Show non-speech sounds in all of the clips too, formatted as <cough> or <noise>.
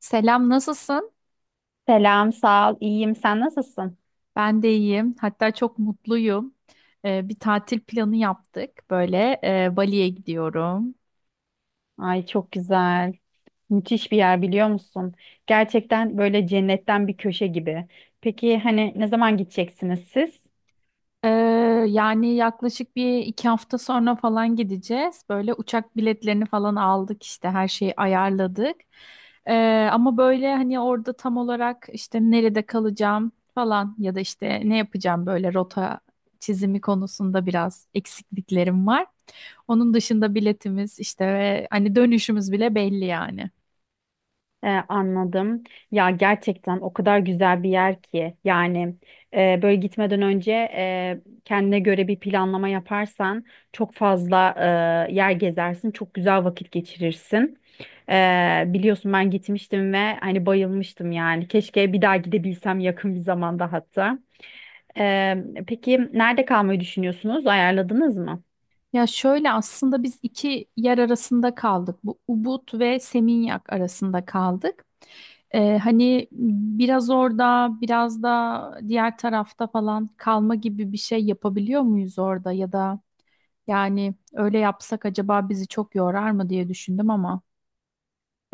Selam, nasılsın? Selam, sağ ol. İyiyim. Sen nasılsın? Ben de iyiyim. Hatta çok mutluyum. Bir tatil planı yaptık. Böyle Bali'ye gidiyorum. Ay çok güzel. Müthiş bir yer biliyor musun? Gerçekten böyle cennetten bir köşe gibi. Peki hani ne zaman gideceksiniz siz? Ee, Yani yaklaşık bir iki hafta sonra falan gideceğiz. Böyle uçak biletlerini falan aldık, işte her şeyi ayarladık. Ama böyle hani orada tam olarak işte nerede kalacağım falan ya da işte ne yapacağım, böyle rota çizimi konusunda biraz eksikliklerim var. Onun dışında biletimiz işte ve hani dönüşümüz bile belli yani. Anladım. Ya gerçekten o kadar güzel bir yer ki yani böyle gitmeden önce kendine göre bir planlama yaparsan çok fazla yer gezersin, çok güzel vakit geçirirsin. Biliyorsun ben gitmiştim ve hani bayılmıştım yani. Keşke bir daha gidebilsem yakın bir zamanda hatta. Peki nerede kalmayı düşünüyorsunuz? Ayarladınız mı? Ya şöyle, aslında biz iki yer arasında kaldık. Bu Ubud ve Seminyak arasında kaldık. Hani biraz orada biraz da diğer tarafta falan kalma gibi bir şey yapabiliyor muyuz orada, ya da yani öyle yapsak acaba bizi çok yorar mı diye düşündüm ama.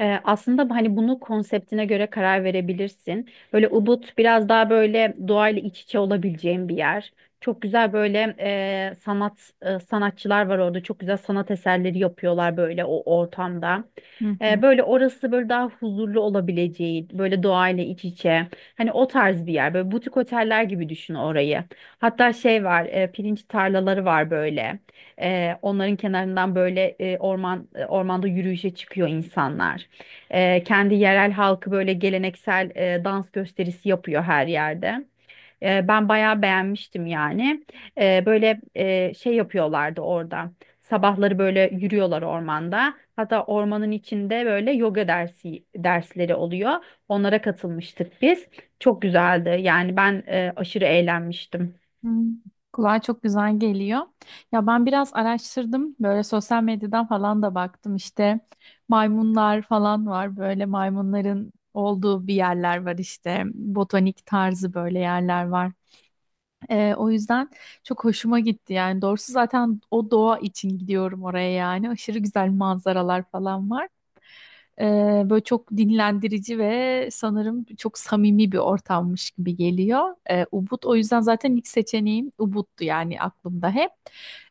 Aslında hani bunu konseptine göre karar verebilirsin. Böyle Ubud biraz daha böyle doğayla iç içe olabileceğin bir yer. Çok güzel böyle sanatçılar var orada. Çok güzel sanat eserleri yapıyorlar böyle o ortamda. Hı hı. Böyle orası böyle daha huzurlu olabileceği, böyle doğayla iç içe. Hani o tarz bir yer. Böyle butik oteller gibi düşün orayı. Hatta şey var, pirinç tarlaları var böyle. Onların kenarından böyle ormanda yürüyüşe çıkıyor insanlar. Kendi yerel halkı böyle geleneksel dans gösterisi yapıyor her yerde. Ben bayağı beğenmiştim yani. Böyle şey yapıyorlardı orada. Sabahları böyle yürüyorlar ormanda. Hatta ormanın içinde böyle yoga dersleri oluyor. Onlara katılmıştık biz. Çok güzeldi. Yani ben aşırı eğlenmiştim. Hmm, kulağa çok güzel geliyor. Ya ben biraz araştırdım. Böyle sosyal medyadan falan da baktım. İşte maymunlar falan var. Böyle maymunların olduğu bir yerler var işte. Botanik tarzı böyle yerler var. O yüzden çok hoşuma gitti yani. Doğrusu zaten o doğa için gidiyorum oraya yani. Aşırı güzel manzaralar falan var. Böyle çok dinlendirici ve sanırım çok samimi bir ortammış gibi geliyor. Ubud o yüzden zaten ilk seçeneğim Ubud'du yani, aklımda hep.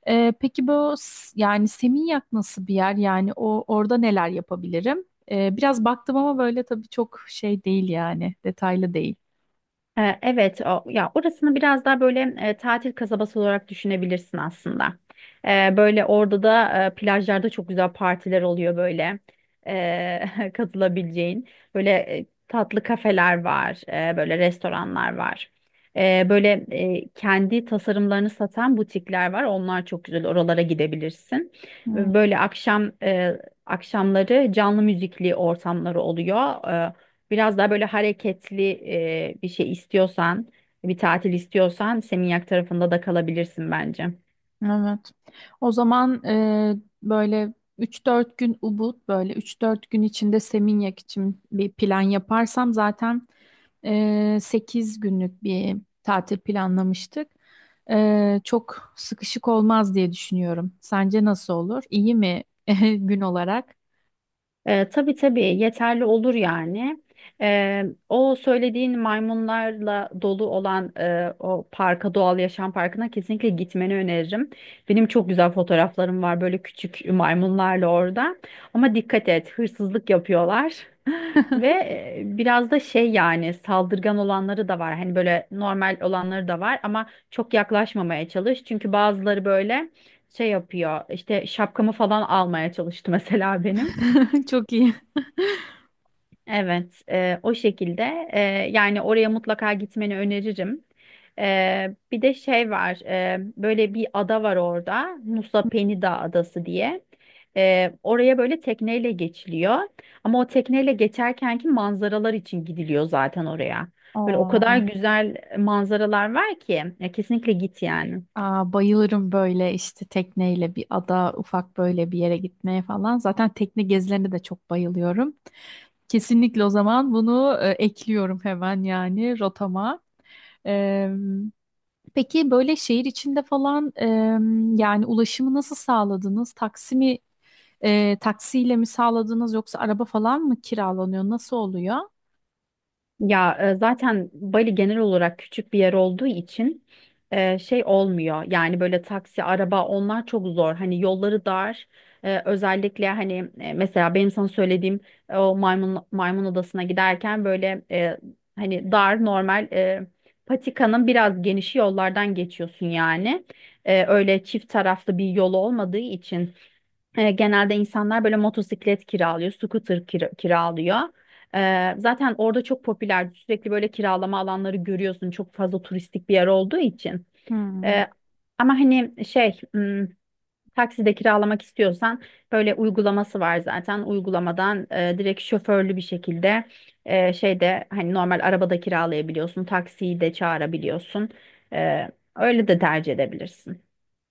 Peki bu yani Seminyak nasıl bir yer? Yani o orada neler yapabilirim? Biraz baktım ama böyle tabii çok şey değil yani, detaylı değil. Evet, ya orasını biraz daha böyle tatil kasabası olarak düşünebilirsin aslında. Böyle orada da plajlarda çok güzel partiler oluyor böyle <laughs> katılabileceğin. Böyle tatlı kafeler var, böyle restoranlar var. Böyle kendi tasarımlarını satan butikler var. Onlar çok güzel. Oralara gidebilirsin. Ve böyle akşamları canlı müzikli ortamları oluyor. Biraz daha böyle hareketli bir şey istiyorsan, bir tatil istiyorsan Seminyak tarafında da kalabilirsin bence. Evet. O zaman böyle üç dört gün Ubud, böyle üç dört gün içinde Seminyak için bir plan yaparsam zaten 8 günlük bir tatil planlamıştık. E, çok sıkışık olmaz diye düşünüyorum. Sence nasıl olur? İyi mi <laughs> gün olarak? Tabii tabii yeterli olur yani. O söylediğin maymunlarla dolu olan o parka, doğal yaşam parkına kesinlikle gitmeni öneririm. Benim çok güzel fotoğraflarım var böyle küçük maymunlarla orada. Ama dikkat et, hırsızlık yapıyorlar. Ve biraz da şey yani saldırgan olanları da var. Hani böyle normal olanları da var ama çok yaklaşmamaya çalış. Çünkü bazıları böyle şey yapıyor. İşte şapkamı falan almaya çalıştı mesela benim. <laughs> Çok iyi. Evet, o şekilde yani oraya mutlaka gitmeni öneririm. Bir de şey var, böyle bir ada var orada, Nusa Penida Adası diye. Oraya böyle tekneyle geçiliyor. Ama o tekneyle geçerkenki manzaralar için gidiliyor zaten oraya. Böyle o kadar Oo, güzel manzaralar var ki, ya kesinlikle git yani. aa, bayılırım böyle işte tekneyle bir ada, ufak böyle bir yere gitmeye falan. Zaten tekne gezilerine de çok bayılıyorum. Kesinlikle o zaman bunu ekliyorum hemen yani rotama. Eee, peki böyle şehir içinde falan yani ulaşımı nasıl sağladınız? Taksi mi taksiyle mi sağladınız, yoksa araba falan mı kiralanıyor? Nasıl oluyor? Ya zaten Bali genel olarak küçük bir yer olduğu için şey olmuyor. Yani böyle taksi, araba onlar çok zor. Hani yolları dar. Özellikle hani mesela benim sana söylediğim o maymun odasına giderken böyle hani dar normal patikanın biraz genişi yollardan geçiyorsun yani. Öyle çift taraflı bir yolu olmadığı için. Genelde insanlar böyle motosiklet kiralıyor, scooter kiralıyor. Zaten orada çok popüler. Sürekli böyle kiralama alanları görüyorsun. Çok fazla turistik bir yer olduğu için. Hmm. E, ama hani şey, takside kiralamak istiyorsan böyle uygulaması var zaten. Uygulamadan direkt şoförlü bir şekilde şeyde hani normal arabada kiralayabiliyorsun. Taksiyi de çağırabiliyorsun. E, öyle de tercih edebilirsin.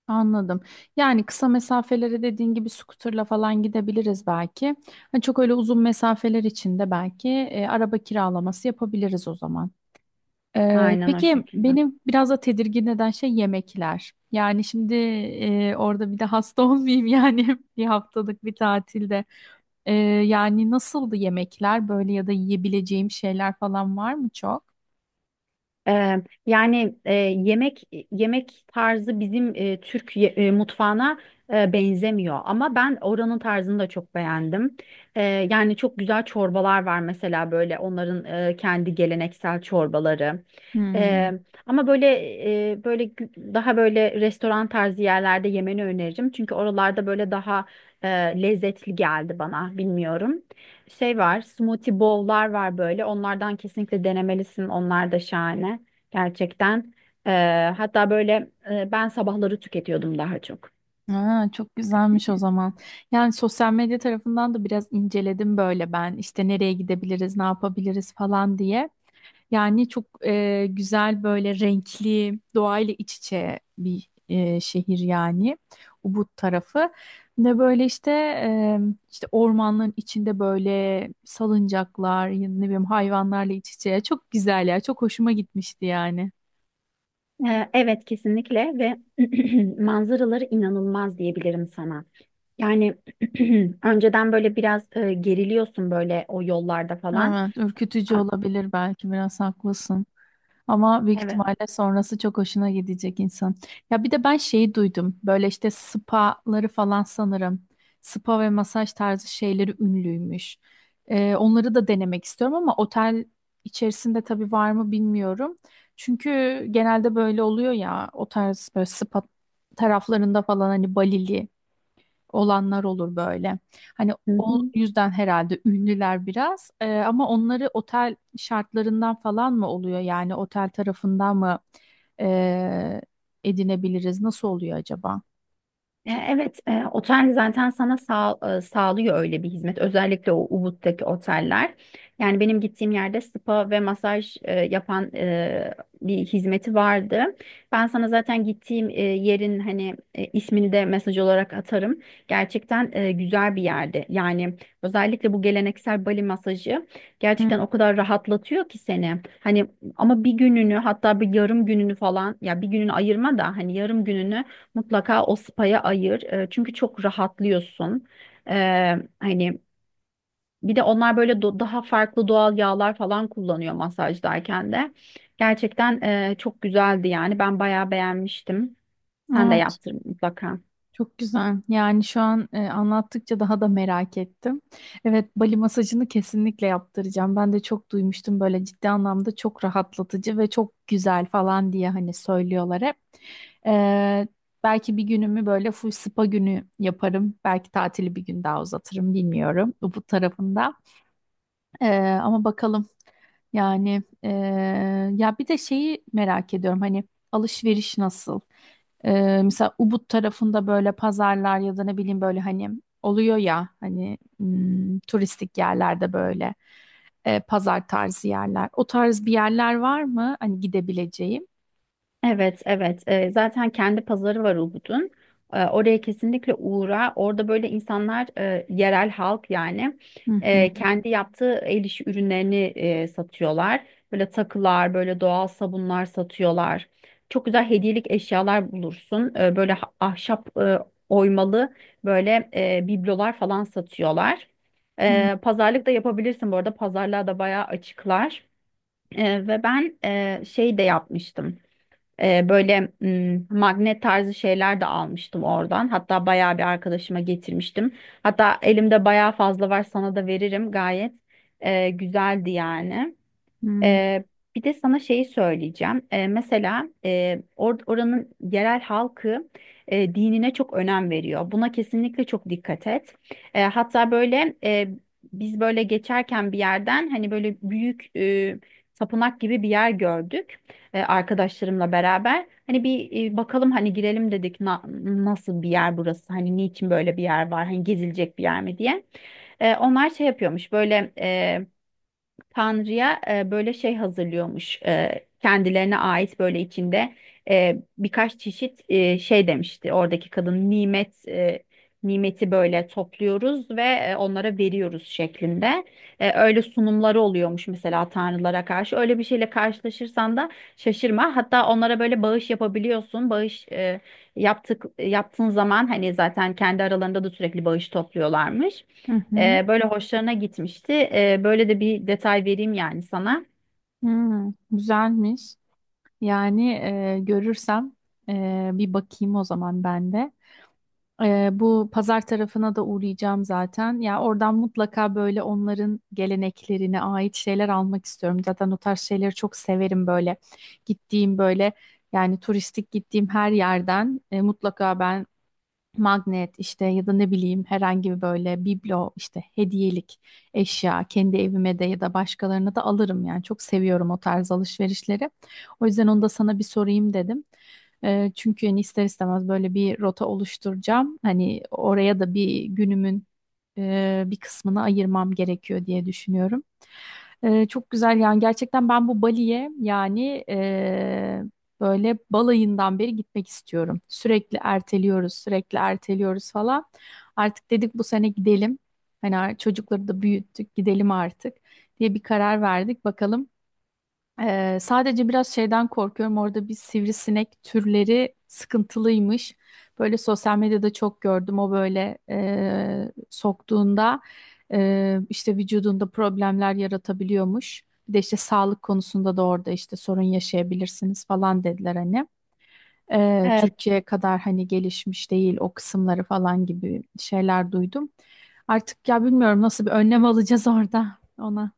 Anladım. Yani kısa mesafelere dediğin gibi scooter'la falan gidebiliriz belki. Hani çok öyle uzun mesafeler için de belki araba kiralaması yapabiliriz o zaman. Aynen o Peki şekilde. benim biraz da tedirgin eden şey yemekler. Yani şimdi orada bir de hasta <laughs> olmayayım yani <laughs> bir haftalık bir tatilde. Yani nasıldı yemekler böyle, ya da yiyebileceğim şeyler falan var mı çok? Yani yemek tarzı bizim Türk mutfağına benzemiyor ama ben oranın tarzını da çok beğendim. Ee, yani çok güzel çorbalar var mesela böyle onların kendi geleneksel çorbaları. Hmm. Ee, ama böyle daha böyle restoran tarzı yerlerde yemeni öneririm çünkü oralarda böyle daha e, lezzetli geldi bana bilmiyorum. Şey var, smoothie bowl'lar var böyle. Onlardan kesinlikle denemelisin. Onlar da şahane. Gerçekten. Ee, hatta böyle ben sabahları tüketiyordum daha çok. Ha, çok güzelmiş o zaman. Yani sosyal medya tarafından da biraz inceledim böyle ben. İşte nereye gidebiliriz, ne yapabiliriz falan diye. Yani çok güzel, böyle renkli, doğayla iç içe bir şehir yani. Ubud tarafı. Ne böyle işte işte ormanların içinde böyle salıncaklar, ya ne bileyim hayvanlarla iç içe. Çok güzel ya. Çok hoşuma gitmişti yani. Evet kesinlikle ve <clears throat> manzaraları inanılmaz diyebilirim sana. Yani <clears throat> önceden böyle biraz geriliyorsun böyle o yollarda falan. Evet, ürkütücü Ama, olabilir belki, biraz haklısın. Ama büyük evet. ihtimalle sonrası çok hoşuna gidecek insan. Ya bir de ben şeyi duydum. Böyle işte spaları falan sanırım. Spa ve masaj tarzı şeyleri ünlüymüş. Onları da denemek istiyorum ama otel içerisinde tabii var mı bilmiyorum. Çünkü genelde böyle oluyor ya, o tarz böyle spa taraflarında falan hani Balili olanlar olur böyle. Hani Hı o hı. yüzden herhalde ünlüler biraz. Ama onları otel şartlarından falan mı oluyor, yani otel tarafından mı ee, edinebiliriz? Nasıl oluyor acaba? Evet, otel zaten sana sağlıyor öyle bir hizmet. Özellikle o Ubud'daki oteller. Yani benim gittiğim yerde spa ve masaj yapan bir hizmeti vardı. Ben sana zaten gittiğim yerin hani ismini de mesaj olarak atarım. Gerçekten güzel bir yerde. Yani özellikle bu geleneksel Bali masajı Hı, gerçekten o kadar rahatlatıyor ki seni. Hani ama bir gününü hatta bir yarım gününü falan ya bir gününü ayırma da hani yarım gününü mutlaka o spa'ya ayır. Çünkü çok rahatlıyorsun. E, hani bir de onlar böyle daha farklı doğal yağlar falan kullanıyor masajdayken de. Gerçekten çok güzeldi yani. Ben bayağı beğenmiştim. Sen de evet. yaptır mutlaka. Çok güzel. Yani şu an anlattıkça daha da merak ettim. Evet, Bali masajını kesinlikle yaptıracağım. Ben de çok duymuştum, böyle ciddi anlamda çok rahatlatıcı ve çok güzel falan diye hani söylüyorlar hep. Ee, Belki bir günümü böyle full spa günü yaparım. Belki tatili bir gün daha uzatırım, bilmiyorum bu tarafında. Ama bakalım. Yani ya bir de şeyi merak ediyorum, hani alışveriş nasıl? Mesela Ubud tarafında böyle pazarlar ya da ne bileyim böyle hani oluyor ya hani, hmm, turistik yerlerde böyle pazar tarzı yerler. O tarz bir yerler var mı hani gidebileceğim? Evet, evet. Zaten kendi pazarı var Ubud'un. Oraya kesinlikle uğra. Orada böyle insanlar, yerel halk yani, Hı hı. Kendi yaptığı el işi ürünlerini satıyorlar. Böyle takılar, böyle doğal sabunlar satıyorlar. Çok güzel hediyelik eşyalar bulursun. Böyle ahşap oymalı böyle biblolar falan satıyorlar. Hı Pazarlık da yapabilirsin bu arada. Pazarlığa da bayağı açıklar. Ve ben şey de yapmıştım. Böyle magnet tarzı şeyler de almıştım oradan. Hatta bayağı bir arkadaşıma getirmiştim. Hatta elimde bayağı fazla var sana da veririm gayet. Güzeldi yani. hı. Ee, bir de sana şeyi söyleyeceğim. Mesela oranın yerel halkı dinine çok önem veriyor. Buna kesinlikle çok dikkat et. Hatta böyle biz böyle geçerken bir yerden hani böyle büyük tapınak gibi bir yer gördük arkadaşlarımla beraber. Hani bir bakalım hani girelim dedik nasıl bir yer burası? Hani niçin böyle bir yer var? Hani gezilecek bir yer mi diye. Onlar şey yapıyormuş böyle Tanrı'ya böyle şey hazırlıyormuş. Kendilerine ait böyle içinde birkaç çeşit şey demişti. Oradaki kadın nimeti böyle topluyoruz ve onlara veriyoruz şeklinde. Öyle sunumları oluyormuş mesela tanrılara karşı. Öyle bir şeyle karşılaşırsan da şaşırma. Hatta onlara böyle bağış yapabiliyorsun. Bağış yaptığın zaman hani zaten kendi aralarında da sürekli bağış topluyorlarmış. Hı hı. Böyle hoşlarına gitmişti. Böyle de bir detay vereyim yani sana. Hı. Güzelmiş. Yani görürsem bir bakayım o zaman ben de. Bu pazar tarafına da uğrayacağım zaten. Ya oradan mutlaka böyle onların geleneklerine ait şeyler almak istiyorum. Zaten o tarz şeyleri çok severim böyle. Gittiğim böyle, yani turistik gittiğim her yerden mutlaka ben magnet işte ya da ne bileyim herhangi bir böyle biblo işte hediyelik eşya, kendi evime de ya da başkalarına da alırım, yani çok seviyorum o tarz alışverişleri. O yüzden onu da sana bir sorayım dedim. Çünkü hani ister istemez böyle bir rota oluşturacağım. Hani oraya da bir günümün bir kısmını ayırmam gerekiyor diye düşünüyorum. Çok güzel yani, gerçekten ben bu Bali'ye yani böyle balayından beri gitmek istiyorum. Sürekli erteliyoruz, sürekli erteliyoruz falan. Artık dedik bu sene gidelim. Hani çocukları da büyüttük, gidelim artık diye bir karar verdik. Bakalım. Sadece biraz şeyden korkuyorum. Orada bir sivrisinek türleri sıkıntılıymış. Böyle sosyal medyada çok gördüm. O böyle soktuğunda işte vücudunda problemler yaratabiliyormuş. Bir de işte sağlık konusunda da orada işte sorun yaşayabilirsiniz falan dediler hani. Türkiye kadar hani gelişmiş değil o kısımları falan gibi şeyler duydum. Artık ya bilmiyorum nasıl bir önlem <laughs> alacağız orada ona.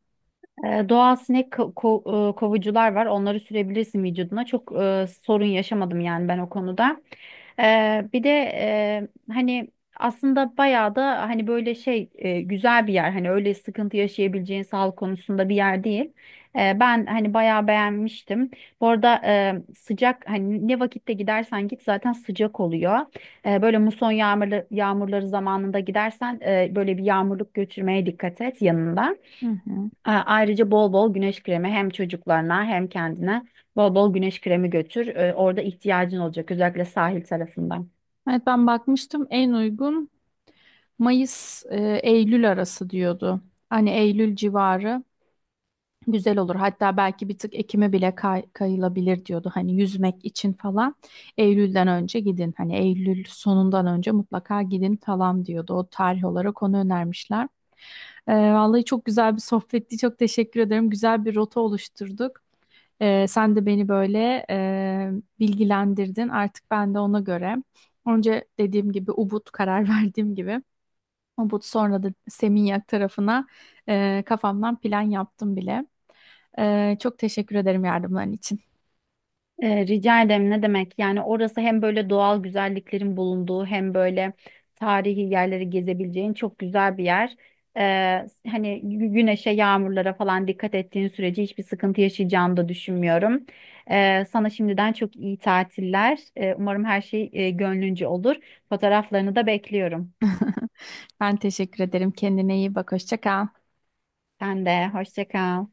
Doğal sinek kovucular var. Onları sürebilirsin vücuduna. Çok sorun yaşamadım yani ben o konuda. E, bir de hani aslında bayağı da hani böyle şey güzel bir yer. Hani öyle sıkıntı yaşayabileceğin sağlık konusunda bir yer değil. Ben hani bayağı beğenmiştim. Bu arada sıcak hani ne vakitte gidersen git zaten sıcak oluyor. Böyle muson yağmurları zamanında gidersen böyle bir yağmurluk götürmeye dikkat et yanında. Hı hı. Ayrıca bol bol güneş kremi hem çocuklarına hem kendine bol bol güneş kremi götür. Orada ihtiyacın olacak özellikle sahil tarafından. Evet, ben bakmıştım, en uygun Mayıs Eylül arası diyordu. Hani Eylül civarı güzel olur. Hatta belki bir tık Ekim'e bile kayılabilir diyordu. Hani yüzmek için falan Eylül'den önce gidin. Hani Eylül sonundan önce mutlaka gidin falan diyordu. O tarih olarak onu önermişler. Vallahi çok güzel bir sohbetti. Çok teşekkür ederim. Güzel bir rota oluşturduk. Sen de beni böyle bilgilendirdin. Artık ben de ona göre. Önce dediğim gibi Ubud, karar <laughs> verdiğim gibi. Ubud, sonra da Seminyak tarafına kafamdan plan yaptım bile. Çok teşekkür ederim yardımların için. Rica ederim ne demek? Yani orası hem böyle doğal güzelliklerin bulunduğu hem böyle tarihi yerleri gezebileceğin çok güzel bir yer. E, hani güneşe, yağmurlara falan dikkat ettiğin sürece hiçbir sıkıntı yaşayacağını da düşünmüyorum. Sana şimdiden çok iyi tatiller. Umarım her şey gönlünce olur. Fotoğraflarını da bekliyorum. Ben teşekkür ederim. Kendine iyi bak. Hoşça kal. Sen de hoşça kal.